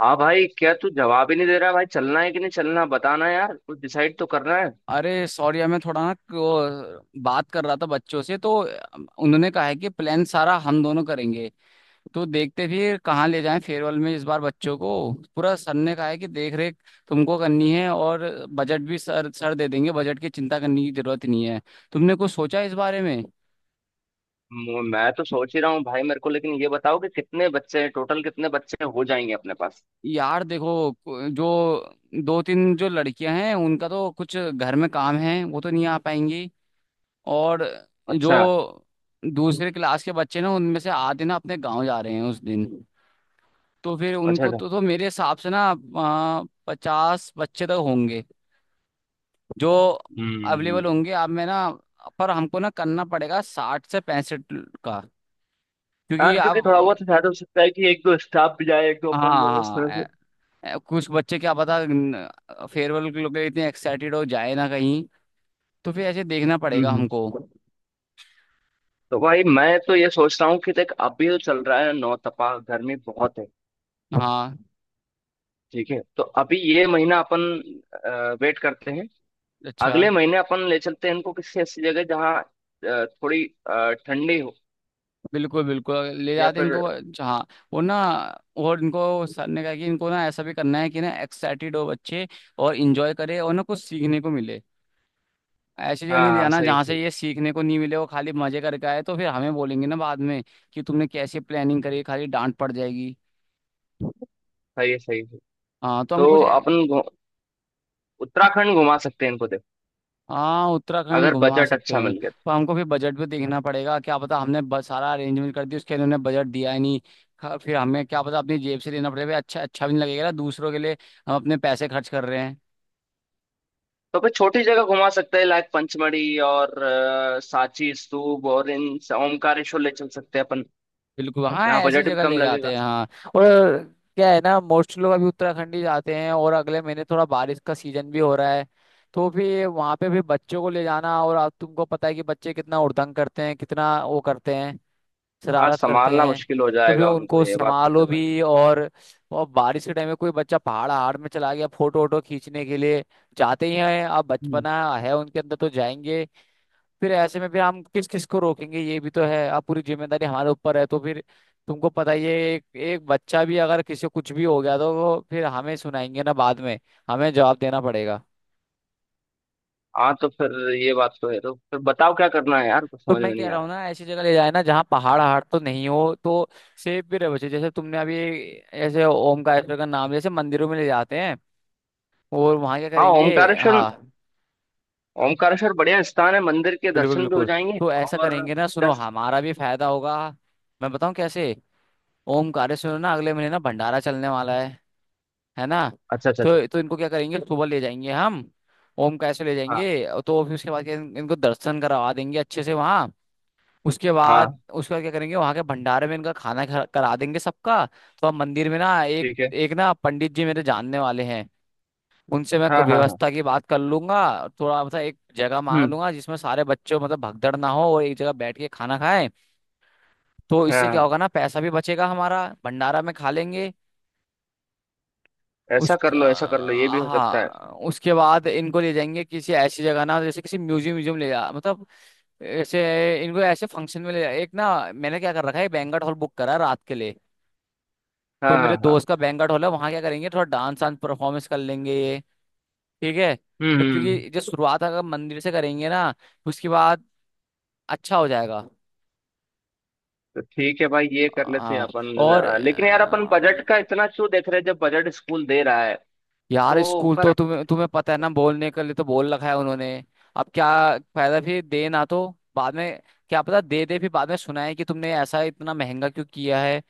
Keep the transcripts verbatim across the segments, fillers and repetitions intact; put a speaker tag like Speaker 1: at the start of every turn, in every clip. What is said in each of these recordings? Speaker 1: हाँ भाई, क्या तू जवाब ही नहीं दे रहा भाई? चलना है कि नहीं चलना, बताना यार, कुछ डिसाइड तो करना है।
Speaker 2: अरे सॉरी यार, मैं थोड़ा ना वो बात कर रहा था बच्चों से तो। उन्होंने कहा है कि प्लान सारा हम दोनों करेंगे। तो देखते फिर कहाँ ले जाएं फेयरवेल में इस बार बच्चों को। पूरा सर ने कहा है कि देख रेख तुमको करनी है और बजट भी सर सर दे देंगे। बजट की चिंता करने की जरूरत नहीं है। तुमने कुछ सोचा है इस बारे में?
Speaker 1: मु- मैं तो सोच ही रहा हूँ भाई मेरे को, लेकिन ये बताओ कि कितने बच्चे हैं, टोटल कितने बच्चे हो जाएंगे अपने पास?
Speaker 2: यार देखो जो दो तीन जो लड़कियां हैं उनका तो कुछ घर में काम है, वो तो नहीं आ पाएंगी। और जो
Speaker 1: अच्छा
Speaker 2: दूसरे क्लास के बच्चे ना, उनमें से आधे ना अपने गांव जा रहे हैं उस दिन। तो फिर
Speaker 1: अच्छा
Speaker 2: उनको
Speaker 1: अच्छा।
Speaker 2: तो तो मेरे हिसाब से ना पचास बच्चे तक होंगे जो
Speaker 1: हम्म।
Speaker 2: अवेलेबल होंगे आप में ना। पर हमको ना करना पड़ेगा साठ से पैंसठ का,
Speaker 1: हाँ,
Speaker 2: क्योंकि
Speaker 1: क्योंकि
Speaker 2: आप।
Speaker 1: थोड़ा बहुत शायद हो सकता है कि एक दो स्टाफ भी जाए, एक दो
Speaker 2: हाँ
Speaker 1: अपन लोग, इस
Speaker 2: हाँ,
Speaker 1: तरह से।
Speaker 2: ए- ए- कुछ बच्चे क्या पता फेयरवेल के लिए इतने एक्साइटेड हो जाए ना कहीं, तो फिर ऐसे देखना पड़ेगा
Speaker 1: हम्म।
Speaker 2: हमको।
Speaker 1: तो भाई मैं तो ये सोच रहा हूँ कि देख, अभी तो चल रहा है नौ तपा, गर्मी बहुत है।
Speaker 2: हाँ।
Speaker 1: ठीक है, तो अभी ये महीना अपन वेट करते हैं।
Speaker 2: अच्छा।
Speaker 1: अगले महीने अपन ले चलते हैं इनको किसी ऐसी जगह जहाँ अ, थोड़ी अ, ठंडी हो।
Speaker 2: बिल्कुल बिल्कुल, ले
Speaker 1: या
Speaker 2: जाते हैं
Speaker 1: फिर
Speaker 2: इनको। हाँ वो ना, और इनको सर ने कहा कि इनको ना ऐसा भी करना है कि ना एक्साइटेड हो बच्चे और इंजॉय करे और ना कुछ सीखने को मिले। ऐसी जगह
Speaker 1: हाँ।
Speaker 2: नहीं ले
Speaker 1: हाँ
Speaker 2: जाना
Speaker 1: सही
Speaker 2: जहाँ से
Speaker 1: सही।
Speaker 2: ये सीखने को नहीं मिले, वो खाली मजे करके आए तो फिर हमें बोलेंगे ना बाद में कि तुमने कैसे प्लानिंग करी, खाली डांट पड़ जाएगी।
Speaker 1: सही है सही है।
Speaker 2: हाँ तो हम
Speaker 1: तो
Speaker 2: कुछ।
Speaker 1: अपन घु- उत्तराखंड घुमा सकते हैं इनको देख,
Speaker 2: हाँ, उत्तराखंड
Speaker 1: अगर
Speaker 2: घुमा
Speaker 1: बजट
Speaker 2: सकते
Speaker 1: अच्छा
Speaker 2: हैं,
Speaker 1: मिल गया तो।
Speaker 2: पर हमको फिर बजट भी देखना पड़ेगा। क्या पता हमने बस सारा अरेंजमेंट कर दिया उसके लिए, उन्होंने बजट दिया ही नहीं। खा- फिर हमें क्या पता अपनी जेब से लेना पड़ेगा, अच्छा अच्छा भी नहीं लगेगा ना दूसरों के लिए हम अपने पैसे खर्च कर रहे हैं।
Speaker 1: तो फिर छोटी जगह घुमा सकते हैं लाइक पंचमढ़ी और अ, सांची स्तूप और इन स- ओमकारेश्वर ले चल सकते हैं अपन।
Speaker 2: बिल्कुल, हाँ
Speaker 1: यहाँ
Speaker 2: ऐसी
Speaker 1: बजट भी
Speaker 2: जगह
Speaker 1: कम
Speaker 2: ले जाते
Speaker 1: लगेगा।
Speaker 2: हैं हाँ। और क्या है ना, मोस्ट लोग अभी उत्तराखंड ही जाते हैं, और अगले महीने थोड़ा बारिश का सीजन भी हो रहा है, तो फिर वहां पे भी बच्चों को ले जाना, और आप तुमको पता है कि बच्चे कितना उड़दंग करते हैं, कितना वो करते हैं,
Speaker 1: हाँ,
Speaker 2: शरारत करते
Speaker 1: संभालना
Speaker 2: हैं।
Speaker 1: मुश्किल हो
Speaker 2: तो फिर
Speaker 1: जाएगा उनको,
Speaker 2: उनको
Speaker 1: ये बात तो
Speaker 2: संभालो
Speaker 1: है भाई।
Speaker 2: भी, और और बारिश के टाइम में कोई बच्चा पहाड़ हाड़ में चला गया फोटो वोटो खींचने के लिए, जाते ही हैं, अब
Speaker 1: हम्म।
Speaker 2: बचपना है उनके अंदर तो जाएंगे। फिर ऐसे में फिर हम किस किस को रोकेंगे, ये भी तो है। अब पूरी जिम्मेदारी हमारे ऊपर है तो फिर तुमको पता ही है, एक एक बच्चा भी अगर किसी को कुछ भी हो गया तो वो फिर हमें सुनाएंगे ना बाद में, हमें जवाब देना पड़ेगा।
Speaker 1: हाँ तो फिर ये बात तो है, तो फिर बताओ क्या करना है यार, कुछ
Speaker 2: तो
Speaker 1: समझ
Speaker 2: मैं
Speaker 1: में
Speaker 2: कह
Speaker 1: नहीं आ
Speaker 2: रहा
Speaker 1: रहा
Speaker 2: हूँ
Speaker 1: है।
Speaker 2: ना, ऐसी जगह ले जाए ना जहाँ पहाड़ हाड़ तो नहीं हो, तो सेफ भी रहे बच्चे। जैसे तुमने अभी ऐसे ओमकारेश्वर का नाम, जैसे मंदिरों में ले जाते हैं, और वहाँ क्या
Speaker 1: हाँ,
Speaker 2: करेंगे,
Speaker 1: ओमकारेश्वर।
Speaker 2: हाँ।
Speaker 1: ओमकारेश्वर बढ़िया स्थान है, मंदिर के
Speaker 2: बिल्कुल
Speaker 1: दर्शन भी हो
Speaker 2: बिल्कुल,
Speaker 1: जाएंगे।
Speaker 2: तो ऐसा
Speaker 1: और
Speaker 2: करेंगे ना, सुनो
Speaker 1: दस।
Speaker 2: हमारा भी फायदा होगा, मैं बताऊँ कैसे। ओमकारेश्वर ना अगले महीने ना भंडारा चलने वाला है है ना।
Speaker 1: अच्छा अच्छा अच्छा।
Speaker 2: तो तो इनको क्या करेंगे, सुबह ले जाएंगे हम, ओमकारेश्वर ले
Speaker 1: हाँ।
Speaker 2: जाएंगे। तो फिर उसके बाद क्या, इन- इनको दर्शन करवा देंगे अच्छे से वहाँ। उसके बाद
Speaker 1: हाँ
Speaker 2: उसके बाद क्या करेंगे, वहां के भंडारे में इनका खाना खा- करा देंगे सबका। तो हम मंदिर में ना, एक
Speaker 1: ठीक है।
Speaker 2: एक ना पंडित जी मेरे जानने वाले हैं, उनसे मैं क-
Speaker 1: हाँ हाँ हाँ।
Speaker 2: व्यवस्था की बात कर लूंगा। थोड़ा मतलब एक जगह मांग
Speaker 1: हम्म।
Speaker 2: लूंगा जिसमें सारे बच्चों, मतलब भगदड़ ना हो और एक जगह बैठ के खाना खाएं। तो इससे क्या
Speaker 1: हाँ,
Speaker 2: होगा ना, पैसा भी बचेगा हमारा, भंडारा में खा लेंगे। उस
Speaker 1: ऐसा कर लो ऐसा कर लो, ये भी हो सकता है।
Speaker 2: हाँ, उसके बाद इनको ले जाएंगे किसी ऐसी जगह ना, जैसे किसी म्यूजियम, म्यूजियम ले जा मतलब ऐसे, इनको ऐसे फंक्शन में ले जा, एक ना मैंने क्या कर रखा है, बैंक्वेट हॉल बुक करा है रात के लिए। तो
Speaker 1: हाँ हाँ
Speaker 2: मेरे
Speaker 1: हाँ।
Speaker 2: दोस्त का बैंक्वेट हॉल है, वहाँ क्या करेंगे थोड़ा डांस वांस परफॉर्मेंस कर लेंगे ये, ठीक है।
Speaker 1: हम्म
Speaker 2: तो
Speaker 1: हम्म,
Speaker 2: क्योंकि जो शुरुआत अगर मंदिर से करेंगे ना, उसके बाद अच्छा हो जाएगा।
Speaker 1: तो ठीक है भाई, ये कर लेते हैं
Speaker 2: हाँ
Speaker 1: अपन।
Speaker 2: और
Speaker 1: अ, लेकिन यार अपन बजट का इतना क्यों देख रहे हैं जब बजट स्कूल दे रहा है?
Speaker 2: यार
Speaker 1: तो
Speaker 2: स्कूल तो
Speaker 1: पर,
Speaker 2: तुम्हें तुम्हें पता है ना, बोलने के लिए तो बोल रखा है उन्होंने, अब क्या फायदा, फिर दे ना तो बाद में, क्या पता दे दे, फिर बाद में सुनाए कि तुमने ऐसा इतना महंगा क्यों किया है,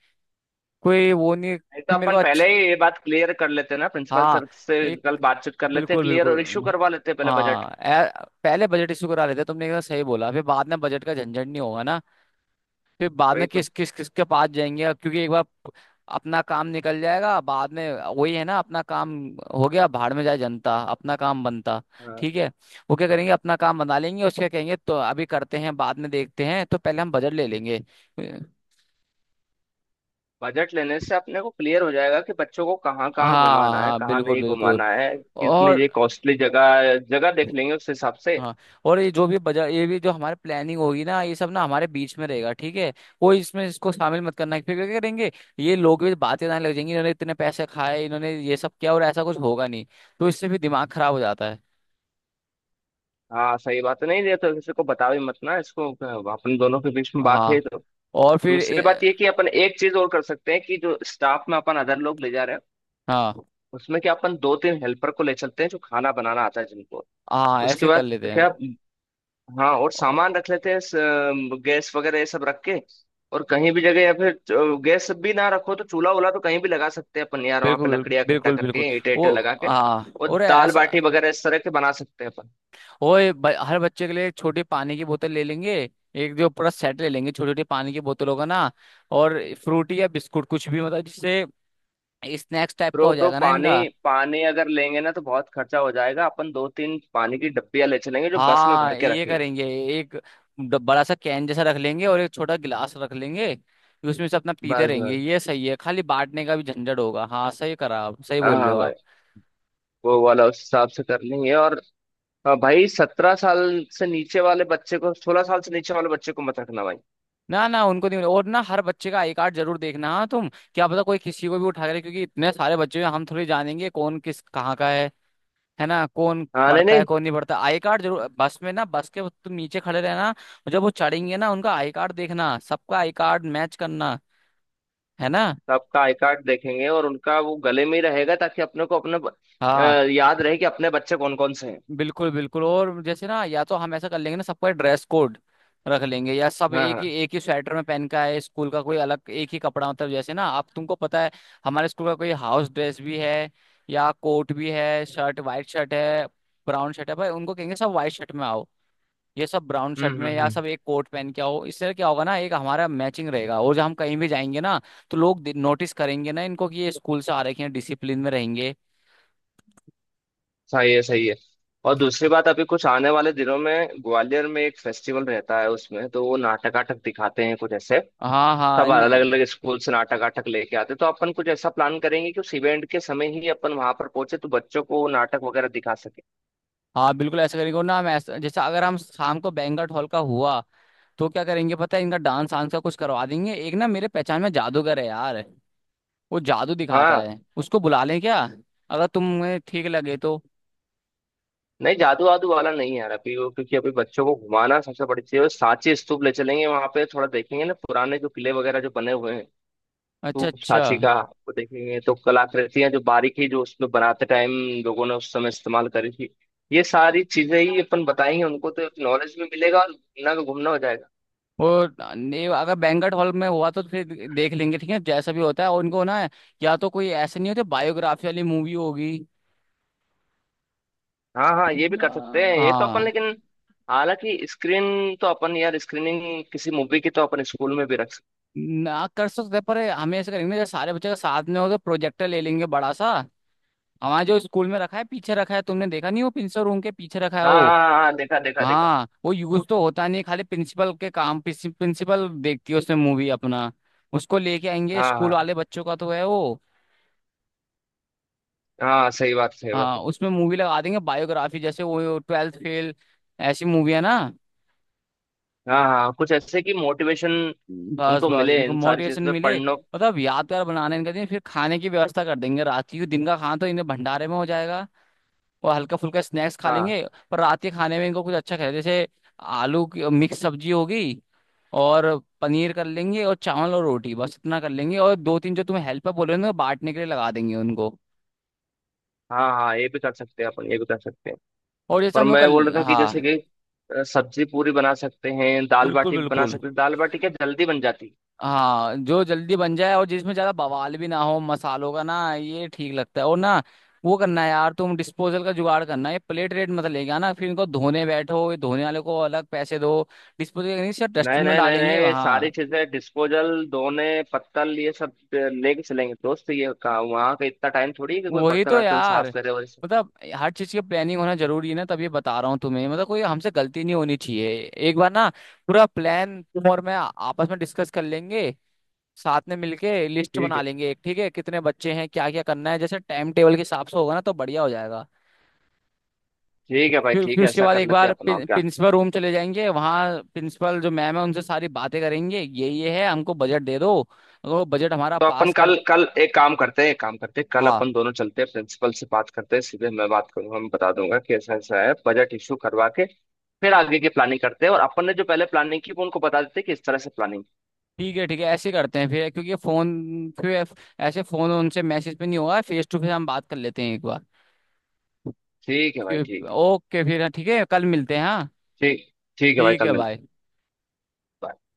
Speaker 2: कोई वो नहीं
Speaker 1: नहीं, तो
Speaker 2: फिर मेरे को
Speaker 1: अपन पहले
Speaker 2: अच्छा।
Speaker 1: ही ये बात क्लियर कर लेते हैं ना, प्रिंसिपल
Speaker 2: हाँ
Speaker 1: सर से
Speaker 2: एक,
Speaker 1: कल बातचीत कर लेते हैं
Speaker 2: बिल्कुल
Speaker 1: क्लियर, और इश्यू
Speaker 2: बिल्कुल।
Speaker 1: करवा लेते हैं पहले बजट।
Speaker 2: हाँ, ए- पहले बजट इशू करा लेते, तुमने कहा सही बोला, फिर बाद में बजट का झंझट नहीं होगा ना, फिर बाद में
Speaker 1: वही तो।
Speaker 2: किस किस किसके पास जाएंगे, क्योंकि एक बार अपना काम निकल जाएगा बाद में, वही है ना, अपना काम हो गया, भाड़ में जाए जनता अपना काम बनता।
Speaker 1: हाँ,
Speaker 2: ठीक है। वो क्या करेंगे अपना काम बना लेंगे, उसके कहेंगे तो अभी करते हैं बाद में देखते हैं, तो पहले हम बजट ले लेंगे।
Speaker 1: बजट लेने से अपने को क्लियर हो जाएगा कि बच्चों को कहाँ कहाँ
Speaker 2: हाँ
Speaker 1: घुमाना है,
Speaker 2: हाँ,
Speaker 1: कहाँ
Speaker 2: बिल्कुल
Speaker 1: नहीं
Speaker 2: बिल्कुल।
Speaker 1: घुमाना है, कितनी
Speaker 2: और
Speaker 1: ये कॉस्टली जगह, जगह देख लेंगे उस हिसाब से।
Speaker 2: हाँ, और ये जो भी बजा, ये भी जो हमारे प्लानिंग होगी ना, ये सब ना हमारे बीच में रहेगा, ठीक है। कोई इसमें इसको शामिल मत करना, फिर क्या करेंगे, ये लोग भी बातें ना लग जाएंगी, इन्होंने इतने पैसे खाए, इन्होंने ये सब किया, और ऐसा कुछ होगा नहीं, तो इससे भी दिमाग खराब हो जाता है।
Speaker 1: हाँ सही बात है, नहीं ये तो किसी को बता भी मत ना इसको, अपन दोनों के बीच में बात है
Speaker 2: हाँ
Speaker 1: ये तो।
Speaker 2: और फिर ए,
Speaker 1: दूसरी बात ये कि अपन एक चीज और कर सकते हैं कि जो स्टाफ में अपन अदर लोग ले जा रहे हैं,
Speaker 2: हाँ
Speaker 1: उसमें क्या अपन दो तीन हेल्पर को ले चलते हैं जो खाना बनाना आता है जिनको।
Speaker 2: हाँ,
Speaker 1: उसके
Speaker 2: ऐसे कर
Speaker 1: बाद
Speaker 2: लेते हैं।
Speaker 1: क्या। हाँ, और
Speaker 2: और-
Speaker 1: सामान रख लेते हैं, स- अम, गैस वगैरह ये सब रख के, और कहीं भी जगह। या फिर अ, गैस भी ना रखो तो चूल्हा वूल्हा तो कहीं भी लगा सकते हैं अपन यार, वहां पे
Speaker 2: बिल्कुल
Speaker 1: लकड़ियां इकट्ठा
Speaker 2: बिल्कुल बिल्कुल।
Speaker 1: करके, ईंटे
Speaker 2: वो
Speaker 1: ईंटे लगा के
Speaker 2: हाँ
Speaker 1: और
Speaker 2: और
Speaker 1: दाल
Speaker 2: ऐसा,
Speaker 1: बाटी वगैरह इस तरह के बना सकते हैं अपन।
Speaker 2: ओए, ब, हर बच्चे के लिए एक छोटी पानी की बोतल ले लेंगे, एक जो पूरा सेट ले लेंगे छोटी छोटी पानी की बोतलों का ना, और फ्रूटी या बिस्कुट कुछ भी, मतलब जिससे स्नैक्स टाइप
Speaker 1: ब्रो
Speaker 2: का हो
Speaker 1: ब्रो,
Speaker 2: जाएगा ना
Speaker 1: पानी,
Speaker 2: इनका।
Speaker 1: पानी अगर लेंगे ना तो बहुत खर्चा हो जाएगा। अपन दो तीन पानी की डब्बियां ले चलेंगे जो बस में
Speaker 2: हाँ
Speaker 1: भर के
Speaker 2: ये
Speaker 1: रखेंगे।
Speaker 2: करेंगे, एक ड- बड़ा सा कैन जैसा रख लेंगे और एक छोटा गिलास रख लेंगे, उसमें से अपना पीते
Speaker 1: बस
Speaker 2: रहेंगे,
Speaker 1: बस।
Speaker 2: ये सही है, खाली बांटने का भी झंझट होगा, हाँ सही करा, आप सही
Speaker 1: हाँ
Speaker 2: बोल रहे
Speaker 1: हाँ
Speaker 2: हो
Speaker 1: भाई,
Speaker 2: आप।
Speaker 1: वो वाला उस हिसाब से कर लेंगे। और हाँ भाई, सत्रह साल से नीचे वाले बच्चे को, सोलह साल से नीचे वाले बच्चे को मत रखना भाई।
Speaker 2: ना ना, उनको नहीं, और ना हर बच्चे का आई कार्ड जरूर देखना, हाँ तुम, क्या पता कोई किसी को भी उठा के ले, क्योंकि इतने सारे बच्चे हैं, हम थोड़ी जानेंगे कौन किस कहाँ का है है ना, कौन
Speaker 1: हाँ नहीं
Speaker 2: पढ़ता है
Speaker 1: नहीं।
Speaker 2: कौन नहीं पढ़ता। आई कार्ड जरूर, बस में ना, बस के तुम नीचे खड़े रहना, जब वो चढ़ेंगे ना उनका आई कार्ड देखना, सबका आई कार्ड मैच करना, है ना।
Speaker 1: आपका आई कार्ड देखेंगे और उनका वो गले में ही रहेगा ताकि अपने को अपने ब- अ,
Speaker 2: हाँ
Speaker 1: याद रहे कि अपने बच्चे कौन कौन से हैं।
Speaker 2: बिल्कुल बिल्कुल, और जैसे ना, या तो हम ऐसा कर लेंगे ना सबका ड्रेस कोड रख लेंगे, या सब
Speaker 1: हाँ
Speaker 2: एक ही
Speaker 1: हाँ।
Speaker 2: एक ही स्वेटर में पहन का है, स्कूल का कोई अलग एक ही कपड़ा, मतलब जैसे ना आप, तुमको पता है हमारे स्कूल का कोई हाउस ड्रेस भी है, या कोट भी है, शर्ट वाइट शर्ट है, ब्राउन शर्ट है भाई, उनको कहेंगे सब वाइट शर्ट में आओ, ये सब ब्राउन
Speaker 1: हम्म
Speaker 2: शर्ट
Speaker 1: हम्म
Speaker 2: में, या
Speaker 1: हम्म।
Speaker 2: सब एक कोट पहन के आओ, इससे क्या होगा ना, एक हमारा मैचिंग रहेगा, और जब हम कहीं भी जाएंगे ना, तो लोग नोटिस करेंगे ना इनको कि ये स्कूल से आ रखे हैं, डिसिप्लिन में रहेंगे।
Speaker 1: सही है सही है। और दूसरी बात, अभी कुछ आने वाले दिनों में ग्वालियर में एक फेस्टिवल रहता है उसमें तो वो नाटक वाटक दिखाते हैं कुछ ऐसे,
Speaker 2: हाँ हाँ,
Speaker 1: सब अलग
Speaker 2: इन-
Speaker 1: अलग स्कूल से नाटक वाटक लेके आते हैं, तो अपन कुछ ऐसा प्लान करेंगे कि उस इवेंट के समय ही अपन वहां पर पहुंचे तो बच्चों को वो नाटक वगैरह दिखा सके।
Speaker 2: हाँ बिल्कुल ऐसा करेंगे। और ना हम ऐसा, जैसे अगर हम शाम को बैंक्वेट हॉल का हुआ, तो क्या करेंगे पता है, इनका डांस वांस का कुछ करवा देंगे, एक ना मेरे पहचान में जादूगर है यार, वो जादू दिखाता
Speaker 1: हाँ।
Speaker 2: है, उसको बुला लें क्या, अगर तुम्हें ठीक लगे तो।
Speaker 1: नहीं जादू वादू वाला नहीं है यार अभी वो, क्योंकि अभी बच्चों को घुमाना सबसे बड़ी चीज है। सांची स्तूप ले चलेंगे, वहां पे थोड़ा देखेंगे ना पुराने जो किले वगैरह जो बने हुए हैं,
Speaker 2: अच्छा
Speaker 1: स्तूप
Speaker 2: अच्छा।
Speaker 1: सांची का वो देखेंगे तो कलाकृतियां जो बारीकी जो उसमें बनाते टाइम लोगों ने उस समय इस्तेमाल करी थी, ये सारी चीजें ही अपन बताएंगे उनको, तो नॉलेज भी मिलेगा और घूमना का घूमना हो जाएगा।
Speaker 2: और नहीं, अगर बैंक्वेट हॉल में हुआ तो फिर देख लेंगे ठीक है, जैसा भी होता है, और उनको ना, या तो कोई ऐसे नहीं होते बायोग्राफी वाली मूवी होगी,
Speaker 1: हाँ हाँ, ये भी
Speaker 2: या-
Speaker 1: कर सकते हैं ये तो अपन,
Speaker 2: हाँ,
Speaker 1: लेकिन हालांकि स्क्रीन तो अपन यार, स्क्रीनिंग किसी मूवी की तो अपन स्कूल में भी रख सकते।
Speaker 2: ना कर सकते हैं, पर हमें ऐसे करेंगे ना, जब सारे बच्चे का साथ में हो तो प्रोजेक्टर ले लेंगे बड़ा सा, हमारे जो स्कूल में रखा है, पीछे रखा है, तुमने देखा नहीं, वो प्रिंसिपल रूम के पीछे रखा है
Speaker 1: हाँ
Speaker 2: वो।
Speaker 1: हाँ हाँ हाँ, देखा देखा देखा।
Speaker 2: हाँ वो यूज तो होता नहीं, खाली प्रिंसिपल के काम प्रिंसिपल देखती है उसमें मूवी, अपना उसको लेके आएंगे,
Speaker 1: हाँ
Speaker 2: स्कूल
Speaker 1: हाँ।
Speaker 2: वाले बच्चों का तो है वो।
Speaker 1: हाँ सही बात सही बात।
Speaker 2: हाँ उसमें मूवी लगा देंगे, बायोग्राफी, जैसे वो ट्वेल्थ फेल, ऐसी मूवी है ना।
Speaker 1: हाँ हाँ कुछ ऐसे कि मोटिवेशन
Speaker 2: हम्म। बस
Speaker 1: उनको
Speaker 2: बस
Speaker 1: मिले
Speaker 2: इनको
Speaker 1: इन सारी
Speaker 2: मोटिवेशन
Speaker 1: चीजों से,
Speaker 2: मिले,
Speaker 1: पढ़ने।
Speaker 2: मतलब यादगार बनाने इनका दिन, फिर खाने की व्यवस्था कर देंगे रात की, दिन का खाना तो इन्हें भंडारे में हो जाएगा और हल्का फुल्का स्नैक्स खा
Speaker 1: हाँ
Speaker 2: लेंगे, पर रात के खाने में इनको कुछ अच्छा खाए, जैसे आलू की मिक्स सब्जी होगी और पनीर कर लेंगे और चावल और रोटी, बस इतना कर लेंगे। और दो तीन जो तुम्हें हेल्पर बोल रहे हो ना, बांटने के लिए लगा देंगे उनको।
Speaker 1: हाँ। हाँ, ये भी कर सकते हैं अपन, ये भी कर सकते हैं।
Speaker 2: और जैसे
Speaker 1: पर
Speaker 2: हम लोग
Speaker 1: मैं बोल
Speaker 2: कल,
Speaker 1: रहा था कि जैसे
Speaker 2: हाँ,
Speaker 1: कि अ, सब्जी पूरी बना सकते हैं, दाल
Speaker 2: बिल्कुल
Speaker 1: बाटी भी बना
Speaker 2: बिल्कुल।
Speaker 1: सकते हैं। दाल बाटी क्या जल्दी बन जाती है?
Speaker 2: हाँ जो जल्दी बन जाए और जिसमें ज्यादा बवाल भी ना हो मसालों का ना, ये ठीक लगता है। और ना, वो करना है यार तुम, डिस्पोजल का जुगाड़ करना, ये प्लेट रेट मत लेके आना, फिर इनको धोने बैठो, ये धोने वाले को अलग पैसे दो। डिस्पोजल नहीं सर,
Speaker 1: नहीं
Speaker 2: डस्टबिन में
Speaker 1: नहीं नहीं नहीं,
Speaker 2: डालेंगे
Speaker 1: ये सारी
Speaker 2: वहाँ।
Speaker 1: चीजें डिस्पोजल दोने पत्तल ये सब अ, लेके चलेंगे दोस्त, ये कहा वहाँ का इतना टाइम थोड़ी है कि कोई
Speaker 2: वही
Speaker 1: बर्तन
Speaker 2: तो
Speaker 1: वर्तन
Speaker 2: यार,
Speaker 1: साफ करे और ये सब।
Speaker 2: मतलब हर चीज की प्लानिंग होना जरूरी है ना, तब ये बता रहा हूँ तुम्हें, मतलब कोई हमसे गलती नहीं होनी चाहिए। एक बार ना पूरा प्लान तुम और मैं आपस में डिस्कस कर लेंगे, साथ में मिलके लिस्ट
Speaker 1: ठीक
Speaker 2: बना
Speaker 1: है।
Speaker 2: लेंगे एक, ठीक है, कितने बच्चे हैं, क्या क्या करना है, जैसे टाइम टेबल के हिसाब से होगा ना, तो बढ़िया हो जाएगा।
Speaker 1: ठीक है भाई,
Speaker 2: फिर
Speaker 1: ठीक
Speaker 2: फिर
Speaker 1: है,
Speaker 2: उसके
Speaker 1: ऐसा
Speaker 2: बाद
Speaker 1: कर
Speaker 2: एक
Speaker 1: लेते
Speaker 2: बार
Speaker 1: हैं अपना और
Speaker 2: प्रिं,
Speaker 1: क्या।
Speaker 2: प्रिंसिपल रूम चले जाएंगे, वहाँ प्रिंसिपल जो मैम है उनसे सारी बातें करेंगे, ये ये है हमको बजट दे दो, अगर वो बजट हमारा
Speaker 1: तो अपन
Speaker 2: पास कर।
Speaker 1: कल कल एक काम करते हैं, एक काम करते हैं, कल
Speaker 2: हाँ
Speaker 1: अपन दोनों चलते हैं प्रिंसिपल से बात करते हैं, सीधे मैं बात करूंगा, मैं बता दूंगा कि ऐसा ऐसा है, बजट इशू करवा के फिर आगे की प्लानिंग करते हैं। और अपन ने जो पहले प्लानिंग की वो उनको बता देते हैं कि इस तरह से प्लानिंग।
Speaker 2: ठीक है ठीक है, ऐसे करते हैं फिर क्योंकि फोन, फिर ऐसे फोन उनसे मैसेज पे नहीं होगा, फेस टू फेस हम बात कर लेते हैं एक बार।
Speaker 1: ठीक है भाई, ठीक।
Speaker 2: ओके फिर हाँ, ठीक है, कल मिलते हैं हाँ।
Speaker 1: ठीक ठीक है भाई,
Speaker 2: ठीक
Speaker 1: कल
Speaker 2: है,
Speaker 1: मिलते
Speaker 2: बाय।
Speaker 1: हैं।